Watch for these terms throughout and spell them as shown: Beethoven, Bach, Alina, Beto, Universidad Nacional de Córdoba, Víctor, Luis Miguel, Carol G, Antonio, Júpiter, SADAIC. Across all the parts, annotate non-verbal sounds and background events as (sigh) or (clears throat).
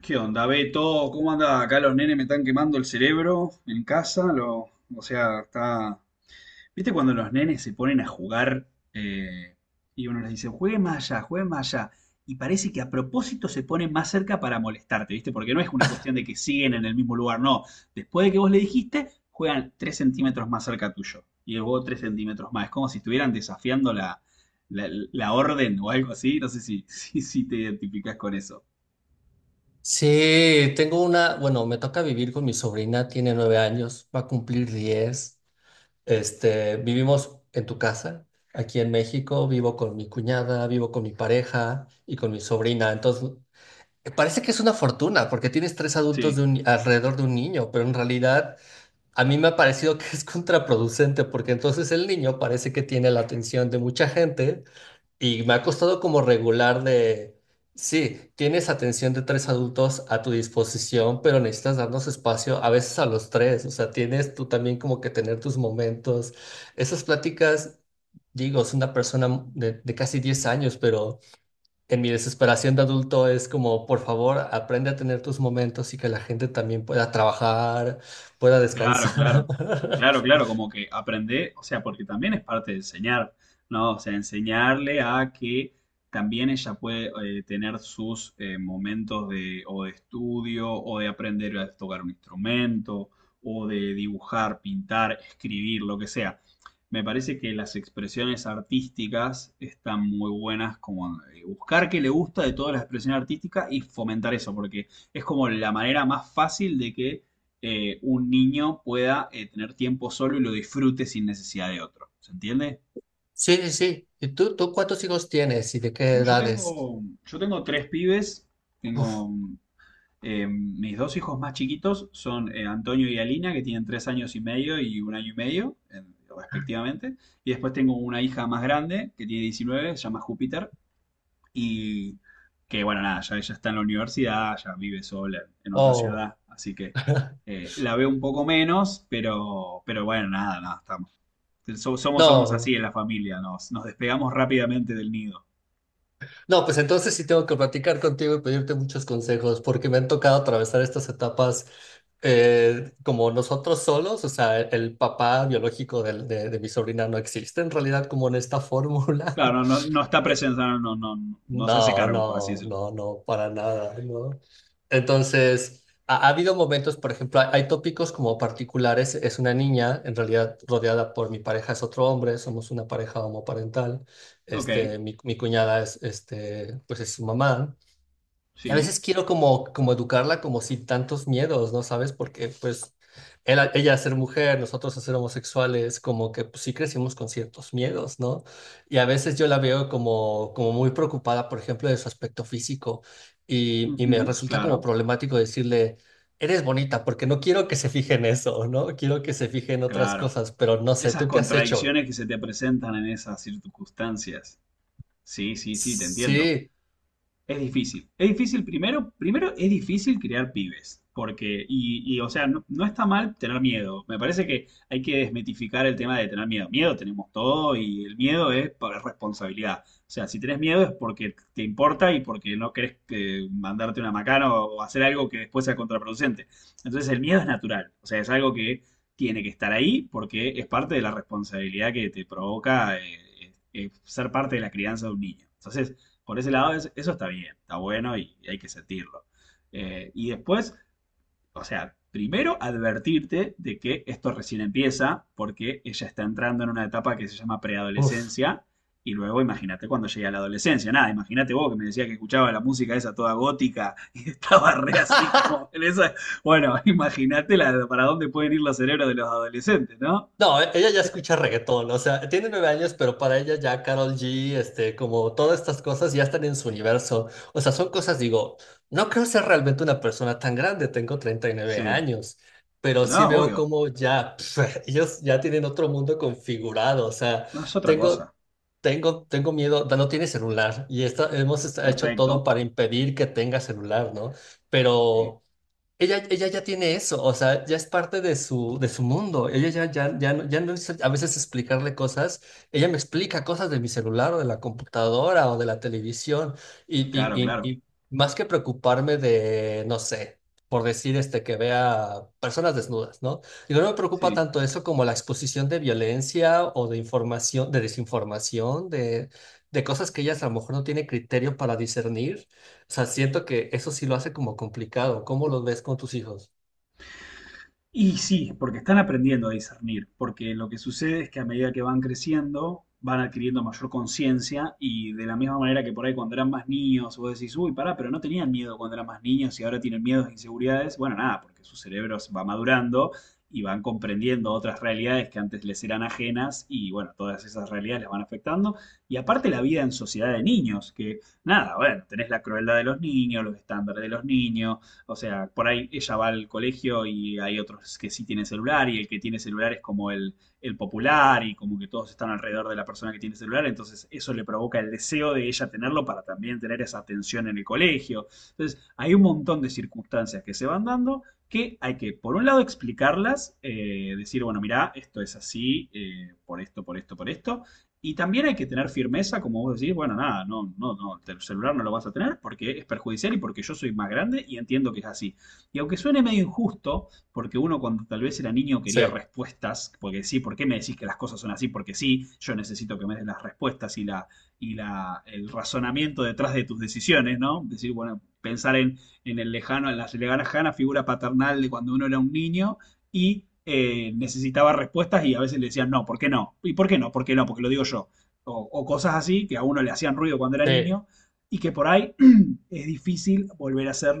¿Qué onda, Beto? ¿Cómo anda? Acá los nenes me están quemando el cerebro en casa. Lo, o sea, está. ¿Viste cuando los nenes se ponen a jugar eh, y uno les dice, jueguen más allá, jueguen más allá? Y parece que a propósito se ponen más cerca para molestarte, ¿viste? Porque no es una cuestión de que siguen en el mismo lugar, no. Después de que vos le dijiste, juegan 3 centímetros más cerca tuyo. Y luego 3 centímetros más. Es como si estuvieran desafiando la orden o algo así. No sé si, (laughs) si te identificás con eso. Sí, bueno, me toca vivir con mi sobrina, tiene 9 años, va a cumplir 10. Vivimos en tu casa, aquí en México, vivo con mi cuñada, vivo con mi pareja y con mi sobrina. Entonces, parece que es una fortuna porque tienes tres adultos de Sí. un, ni- alrededor de un niño, pero en realidad a mí me ha parecido (laughs) que es contraproducente porque entonces el niño parece que tiene la atención de mucha gente y me ha costado como regular de, sí, tienes atención de tres adultos a tu disposición, pero necesitas darnos espacio a veces a los tres, o sea, tienes tú también como que tener tus momentos. Esas pláticas, digo, es una persona de casi 10 años, pero en mi desesperación de adulto es como, por favor, aprende a tener tus momentos y que la gente también pueda trabajar, pueda Claro, descansar. claro, claro, (laughs) claro, como que aprender, o sea, porque también es parte de enseñar, ¿no? O sea, enseñarle a que también ella puede tener sus momentos de, o de estudio, o de aprender a tocar un instrumento, o de dibujar, pintar, escribir, lo que sea. Me parece que las expresiones artísticas están muy buenas, como buscar qué le gusta de todas las expresiones artísticas y fomentar eso, porque es como la manera más fácil de que un niño pueda tener tiempo solo y lo disfrute sin necesidad de otro. ¿Se entiende? Sí, sí, sí. ¿Y tú cuántos hijos tienes y de qué Yo edades? tengo, yo tengo tres pibes, Uf, tengo mis dos hijos más chiquitos son Antonio y Alina, que tienen 3 años y medio y un año y medio, respectivamente. Y después tengo una hija más grande, que tiene 19. Se llama Júpiter. Y, que bueno, nada, ya ella está en la universidad, ya vive sola en otra oh. ciudad, así que la veo un poco menos, pero bueno, nada, nada, estamos. Somos así No, en la familia, nos despegamos rápidamente del nido. no, pues entonces sí tengo que platicar contigo y pedirte muchos consejos, porque me han tocado atravesar estas etapas como nosotros solos, o sea, el papá biológico de mi sobrina no existe en realidad como en esta (laughs) fórmula. Claro, no, no, no está presente, no, no, no, no se hace No, cargo, por así no, decirlo. no, no, para nada, ¿no? Entonces, ha habido momentos, por ejemplo, hay tópicos como particulares, es una niña, en realidad rodeada por mi pareja es otro hombre, somos una pareja homoparental, Ok, mi cuñada es, pues es su mamá, y a sí, veces quiero como, como educarla como sin tantos miedos, ¿no sabes? Porque pues él, ella a ser mujer, nosotros a ser homosexuales, como que pues, sí crecimos con ciertos miedos, ¿no? Y a veces yo la veo como, como muy preocupada, por ejemplo, de su aspecto físico y me ujú, resulta como claro, problemático decirle, eres bonita, porque no quiero que se fije en eso, ¿no? Quiero que se fije en otras claro. cosas, pero no sé, Esas ¿tú qué has hecho? contradicciones que se te presentan en esas circunstancias. Sí, sí, sí, te entiendo. Sí, Es difícil. Es difícil primero es difícil crear pibes, porque, y, o sea, no, no está mal tener miedo. Me parece que hay que desmitificar el tema de tener miedo. Miedo tenemos todo y el miedo es por responsabilidad. O sea, si tenés miedo es porque te importa y porque no querés que mandarte una macana o hacer algo que después sea contraproducente. Entonces el miedo es natural, o sea, es algo que tiene que estar ahí porque es parte de la responsabilidad que te provoca ser parte de la crianza de un niño. Entonces, por ese lado eso está bien, está bueno y hay que sentirlo. Y después, o sea, primero advertirte de que esto recién empieza porque ella está entrando en una etapa que se llama uff. preadolescencia y luego imagínate cuando llegue a la adolescencia. Nada, imagínate vos que me decías que escuchaba la música esa toda gótica y (laughs) estaba re así (laughs) como en esa... Bueno, (laughs) imagínate para dónde pueden ir los cerebros de los adolescentes, ¿no? No, ella ya escucha reggaetón, o sea, tiene 9 años, pero para ella ya Carol G, como todas estas cosas ya están en su universo. O sea, son cosas, digo, no creo ser realmente una persona tan grande, tengo treinta y nueve Sí, años, pero sí no, veo obvio, como ya, pf, (laughs) ellos ya tienen otro mundo configurado, o sea, no es otra cosa. tengo, tengo miedo, no tiene celular y hemos hecho todo Perfecto. para impedir que tenga celular, ¿no? Sí, Pero. Ella ya tiene eso, o sea, ya es parte de su mundo. Ella ya, ya no es a veces explicarle cosas. Ella me explica cosas de mi celular o de la computadora o de la televisión. Y, y, claro, y, claro. y más que preocuparme de, no sé, por decir este, que vea personas desnudas, ¿no? Digo, no me preocupa Sí. tanto eso como la exposición de violencia o de información, de desinformación, de cosas que ella a lo mejor no tiene criterio para discernir, o sea, siento que eso sí lo hace como complicado. ¿Cómo lo ves con tus hijos? Y sí, porque están aprendiendo a discernir, porque lo que sucede es que a medida que van creciendo, van adquiriendo mayor conciencia y de la misma manera que por ahí cuando eran más niños, vos decís, uy, pará, pero no tenían miedo cuando eran más niños y ahora tienen miedos e inseguridades, bueno, nada, porque su cerebro va madurando y van comprendiendo otras realidades que antes les eran ajenas y bueno, todas esas realidades les van afectando. Y aparte la vida en sociedad de niños, que nada, bueno, tenés la crueldad de los niños, los estándares de los niños, o sea, por ahí ella va al colegio y hay otros que sí tienen celular y el que tiene celular es como el popular y como que todos están alrededor de la persona que tiene celular, entonces eso le provoca el deseo de ella tenerlo para también tener esa atención en el colegio. Entonces, hay un montón de circunstancias que se van dando que hay que, por un lado, explicarlas, decir, bueno, mirá, esto es así, por esto, por esto, por esto, y también hay que tener firmeza, como vos decís, bueno, nada, no, no, no, el celular no lo vas a tener porque es perjudicial y porque yo soy más grande y entiendo que es así. Y aunque suene medio injusto, porque uno cuando tal vez era niño Sí, quería respuestas, porque sí, ¿por qué me decís que las cosas son así? Porque sí, yo necesito que me des las respuestas y el razonamiento detrás de tus decisiones, ¿no? Decir, bueno, pensar en en la lejana figura paternal de cuando uno era un niño y necesitaba respuestas y a veces le decían, no, ¿por qué no? ¿Y por qué no? ¿Por qué no? Porque lo digo yo. O cosas así que a uno le hacían ruido cuando era sí, niño y que por ahí (clears throat) (coughs) es difícil volver a hacer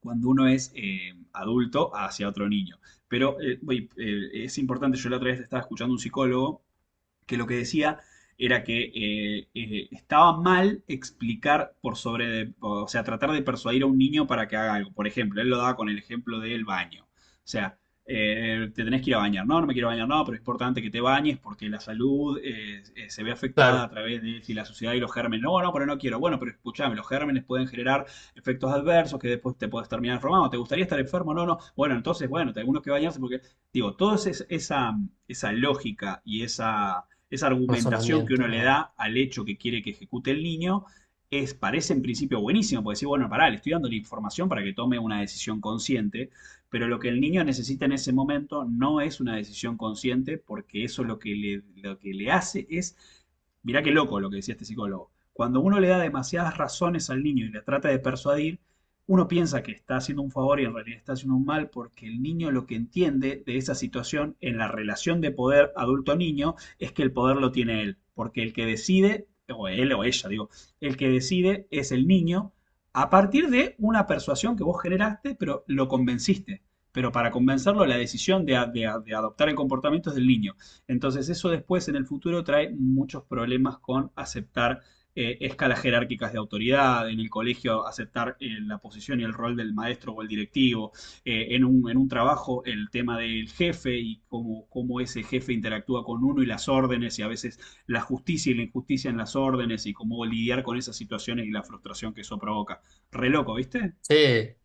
cuando uno es adulto hacia otro niño. Pero es importante, yo la otra vez estaba escuchando un psicólogo que lo que decía era que estaba mal explicar por sobre, o sea, tratar de persuadir a un niño para que haga algo. Por ejemplo, él lo daba con el ejemplo del baño. O sea, te tenés que ir a bañar. No, no me quiero bañar, no, pero es importante que te bañes porque la salud se ve afectada a claro. través de si la suciedad y los gérmenes. No, no, pero no quiero. Bueno, pero escuchame, los gérmenes pueden generar efectos adversos que después te puedes terminar enfermando. ¿Te gustaría estar enfermo? No, no. Bueno, entonces, bueno, tenemos que bañarse porque, digo, toda esa, esa lógica y esa argumentación que uno Razonamiento. le Ajá. da al hecho que quiere que ejecute el niño, es, parece en principio buenísimo, porque decir, bueno, pará, le estoy dando la información para que tome una decisión consciente, pero lo que el niño necesita en ese momento no es una decisión consciente, porque eso lo que le hace es, mirá qué loco lo que decía este psicólogo, cuando uno le da demasiadas razones al niño y le trata de persuadir, uno piensa que está haciendo un favor y en realidad está haciendo un mal porque el niño lo que entiende de esa situación en la relación de poder adulto-niño es que el poder lo tiene él, porque el que decide, o él o ella, digo, el que decide es el niño a partir de una persuasión que vos generaste, pero lo convenciste. Pero para convencerlo, la decisión de adoptar el comportamiento es del niño. Entonces, eso después en el futuro trae muchos problemas con aceptar escalas jerárquicas de autoridad, en el colegio aceptar la posición y el rol del maestro o el directivo, en un trabajo el tema del jefe y cómo, ese jefe interactúa con uno y las órdenes y a veces la justicia y la injusticia en las órdenes y cómo lidiar con esas situaciones y la frustración que eso provoca. Re loco, ¿viste? Sí,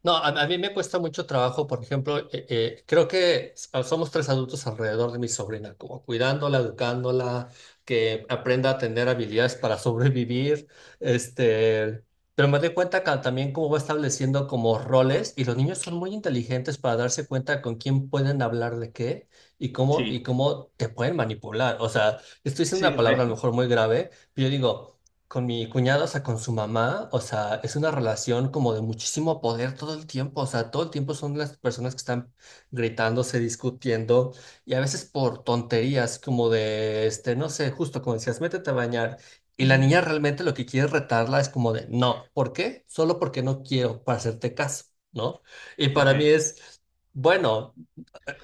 no, a mí me cuesta mucho trabajo, por ejemplo, creo que somos tres adultos alrededor de mi sobrina, como cuidándola, educándola, que aprenda a tener habilidades para (laughs) sobrevivir, este, pero me doy cuenta también cómo va estableciendo como roles y los niños son muy inteligentes para darse cuenta con quién pueden hablar de qué y cómo, Sí, y cómo te pueden manipular. O sea, estoy diciendo sí, una palabra re. a lo mejor muy grave, pero yo digo. Con mi cuñado, o sea, con su mamá, o sea, es una relación como de muchísimo poder todo el tiempo, o sea, todo el tiempo son las personas que están gritándose, discutiendo, y a veces por tonterías, como de, este, no sé, justo como decías, métete a bañar, y la Mm. niña realmente lo que quiere retarla es como de, no, ¿por qué? Solo porque no quiero, para hacerte caso, ¿no? Y Ok. para mí es, bueno,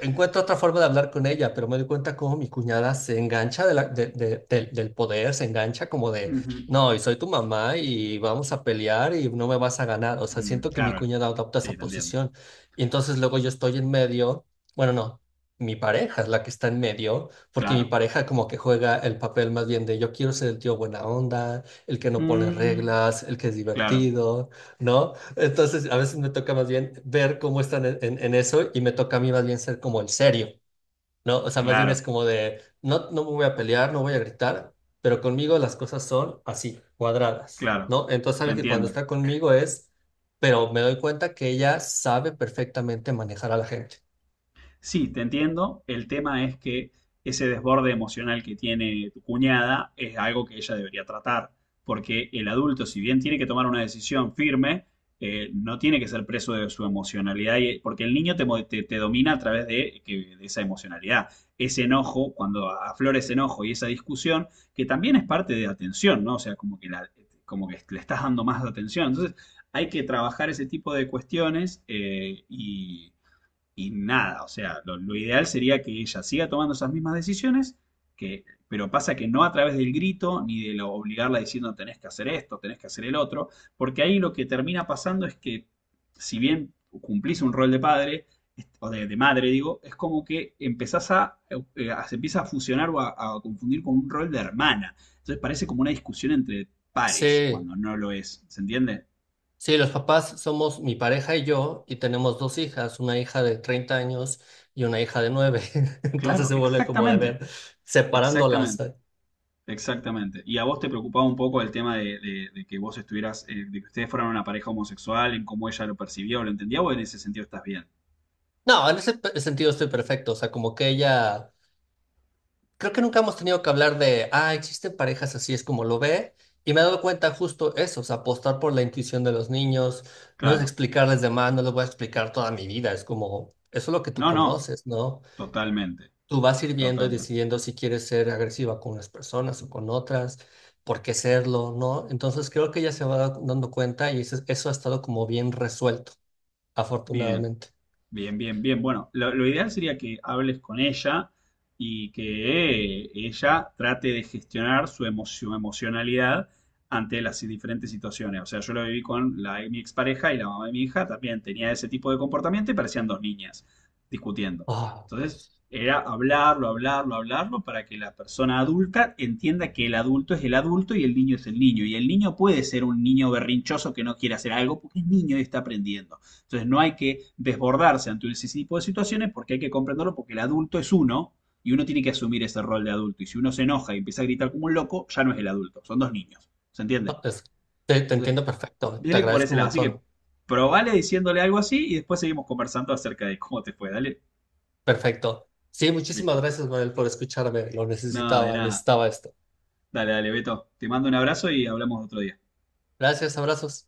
encuentro otra forma de hablar con ella, pero me doy cuenta cómo mi cuñada se engancha de la- de- del del poder, se engancha como Uh de, -huh. no, y soy tu mamá y vamos a pelear y no me vas a ganar. O sea, Mm, siento que mi claro, cuñada adopta esa sí, te entiendo. posición. Y entonces luego yo estoy en medio, bueno, no, mi pareja es la que está en medio, porque mi Claro. pareja como que juega el papel más bien de yo quiero ser el tío buena onda, el que no pone Mm, reglas, el que es claro, divertido. ¿No? Entonces, a veces me toca más bien ver cómo están en eso y me toca a mí más bien ser como el serio, ¿no? O sea, más bien es claro, como de, no, no me voy a pelear, no voy a gritar, pero conmigo las cosas son así, cuadradas, claro. ¿no? Entonces, Te sabes que cuando entiendo. está conmigo es, pero me doy cuenta que ella sabe perfectamente manejar a la gente. Sí, te entiendo. El tema es que ese desborde emocional que tiene tu cuñada es algo que ella debería tratar, porque el adulto, si bien tiene que tomar una decisión firme, no tiene que ser preso de su emocionalidad, porque el niño te domina a través de esa emocionalidad. Ese enojo, cuando aflora ese enojo y esa discusión, que también es parte de atención, ¿no? O sea, como que le estás dando más atención. Entonces, hay que trabajar ese tipo de cuestiones y nada, o sea, lo ideal sería que ella siga tomando esas mismas decisiones, pero pasa que no a través del grito ni de lo, obligarla diciendo tenés que hacer esto, tenés que hacer el otro, porque ahí lo que termina pasando es que si bien cumplís un rol de padre, o de madre digo, es como que empezás se empieza a fusionar o a confundir con un rol de hermana. Entonces parece como una discusión entre pares Sí, cuando no lo es, ¿se entiende? sí, los papás somos mi pareja y yo y tenemos dos hijas, una hija de 30 años y una hija de 9. (laughs) Entonces Claro, se vuelve como de a exactamente, ver, separándolas. exactamente. Exactamente. ¿Y a vos te preocupaba un poco el tema de que vos estuvieras, de que ustedes fueran una pareja homosexual, en cómo ella lo percibía o lo entendía, o en ese sentido estás bien? No, en ese sentido estoy perfecto. O sea, como que ella, creo que nunca hemos tenido que hablar de, ah, existen parejas así, es como lo ve. Y me he dado cuenta justo eso, o sea, apostar por la intuición de los niños, no es Claro. explicarles de más, no les voy a explicar toda mi vida, es como, eso es lo que tú No, no, conoces, ¿no? totalmente, Tú vas ir viendo y totalmente. decidiendo si quieres ser agresiva con unas personas o con otras, por qué serlo, ¿no? Entonces creo que ella se va dando cuenta y eso ha estado como bien resuelto, Bien. afortunadamente. Bien, bien, bien. Bueno, lo ideal sería que hables con ella y que ella trate de gestionar su emocionalidad ante las diferentes situaciones. O sea, yo lo viví con mi expareja y la mamá de mi hija, también tenía ese tipo de comportamiento y parecían dos niñas discutiendo. Entonces, era hablarlo, hablarlo, hablarlo para que la persona adulta entienda que el adulto es el adulto y el niño es el niño. Y el niño puede ser un niño berrinchoso que no quiere hacer algo porque es niño y está aprendiendo. Entonces no hay que desbordarse ante ese tipo de situaciones porque hay que comprenderlo porque el adulto es uno y uno tiene que asumir ese rol de adulto. Y si uno se enoja y empieza a gritar como un loco, ya no es el adulto, son dos niños. ¿Se entiende? No, te Entonces, entiendo perfecto, te viene por agradezco ese un lado. Así que montón. probale diciéndole algo así y después seguimos conversando acerca de cómo te fue. Dale, Perfecto. Sí, muchísimas Víctor. gracias, Manuel, por escucharme. Lo No, de necesitaba, nada. necesitaba esto. Dale, dale, Beto. Te mando un abrazo y hablamos otro día. Gracias, abrazos.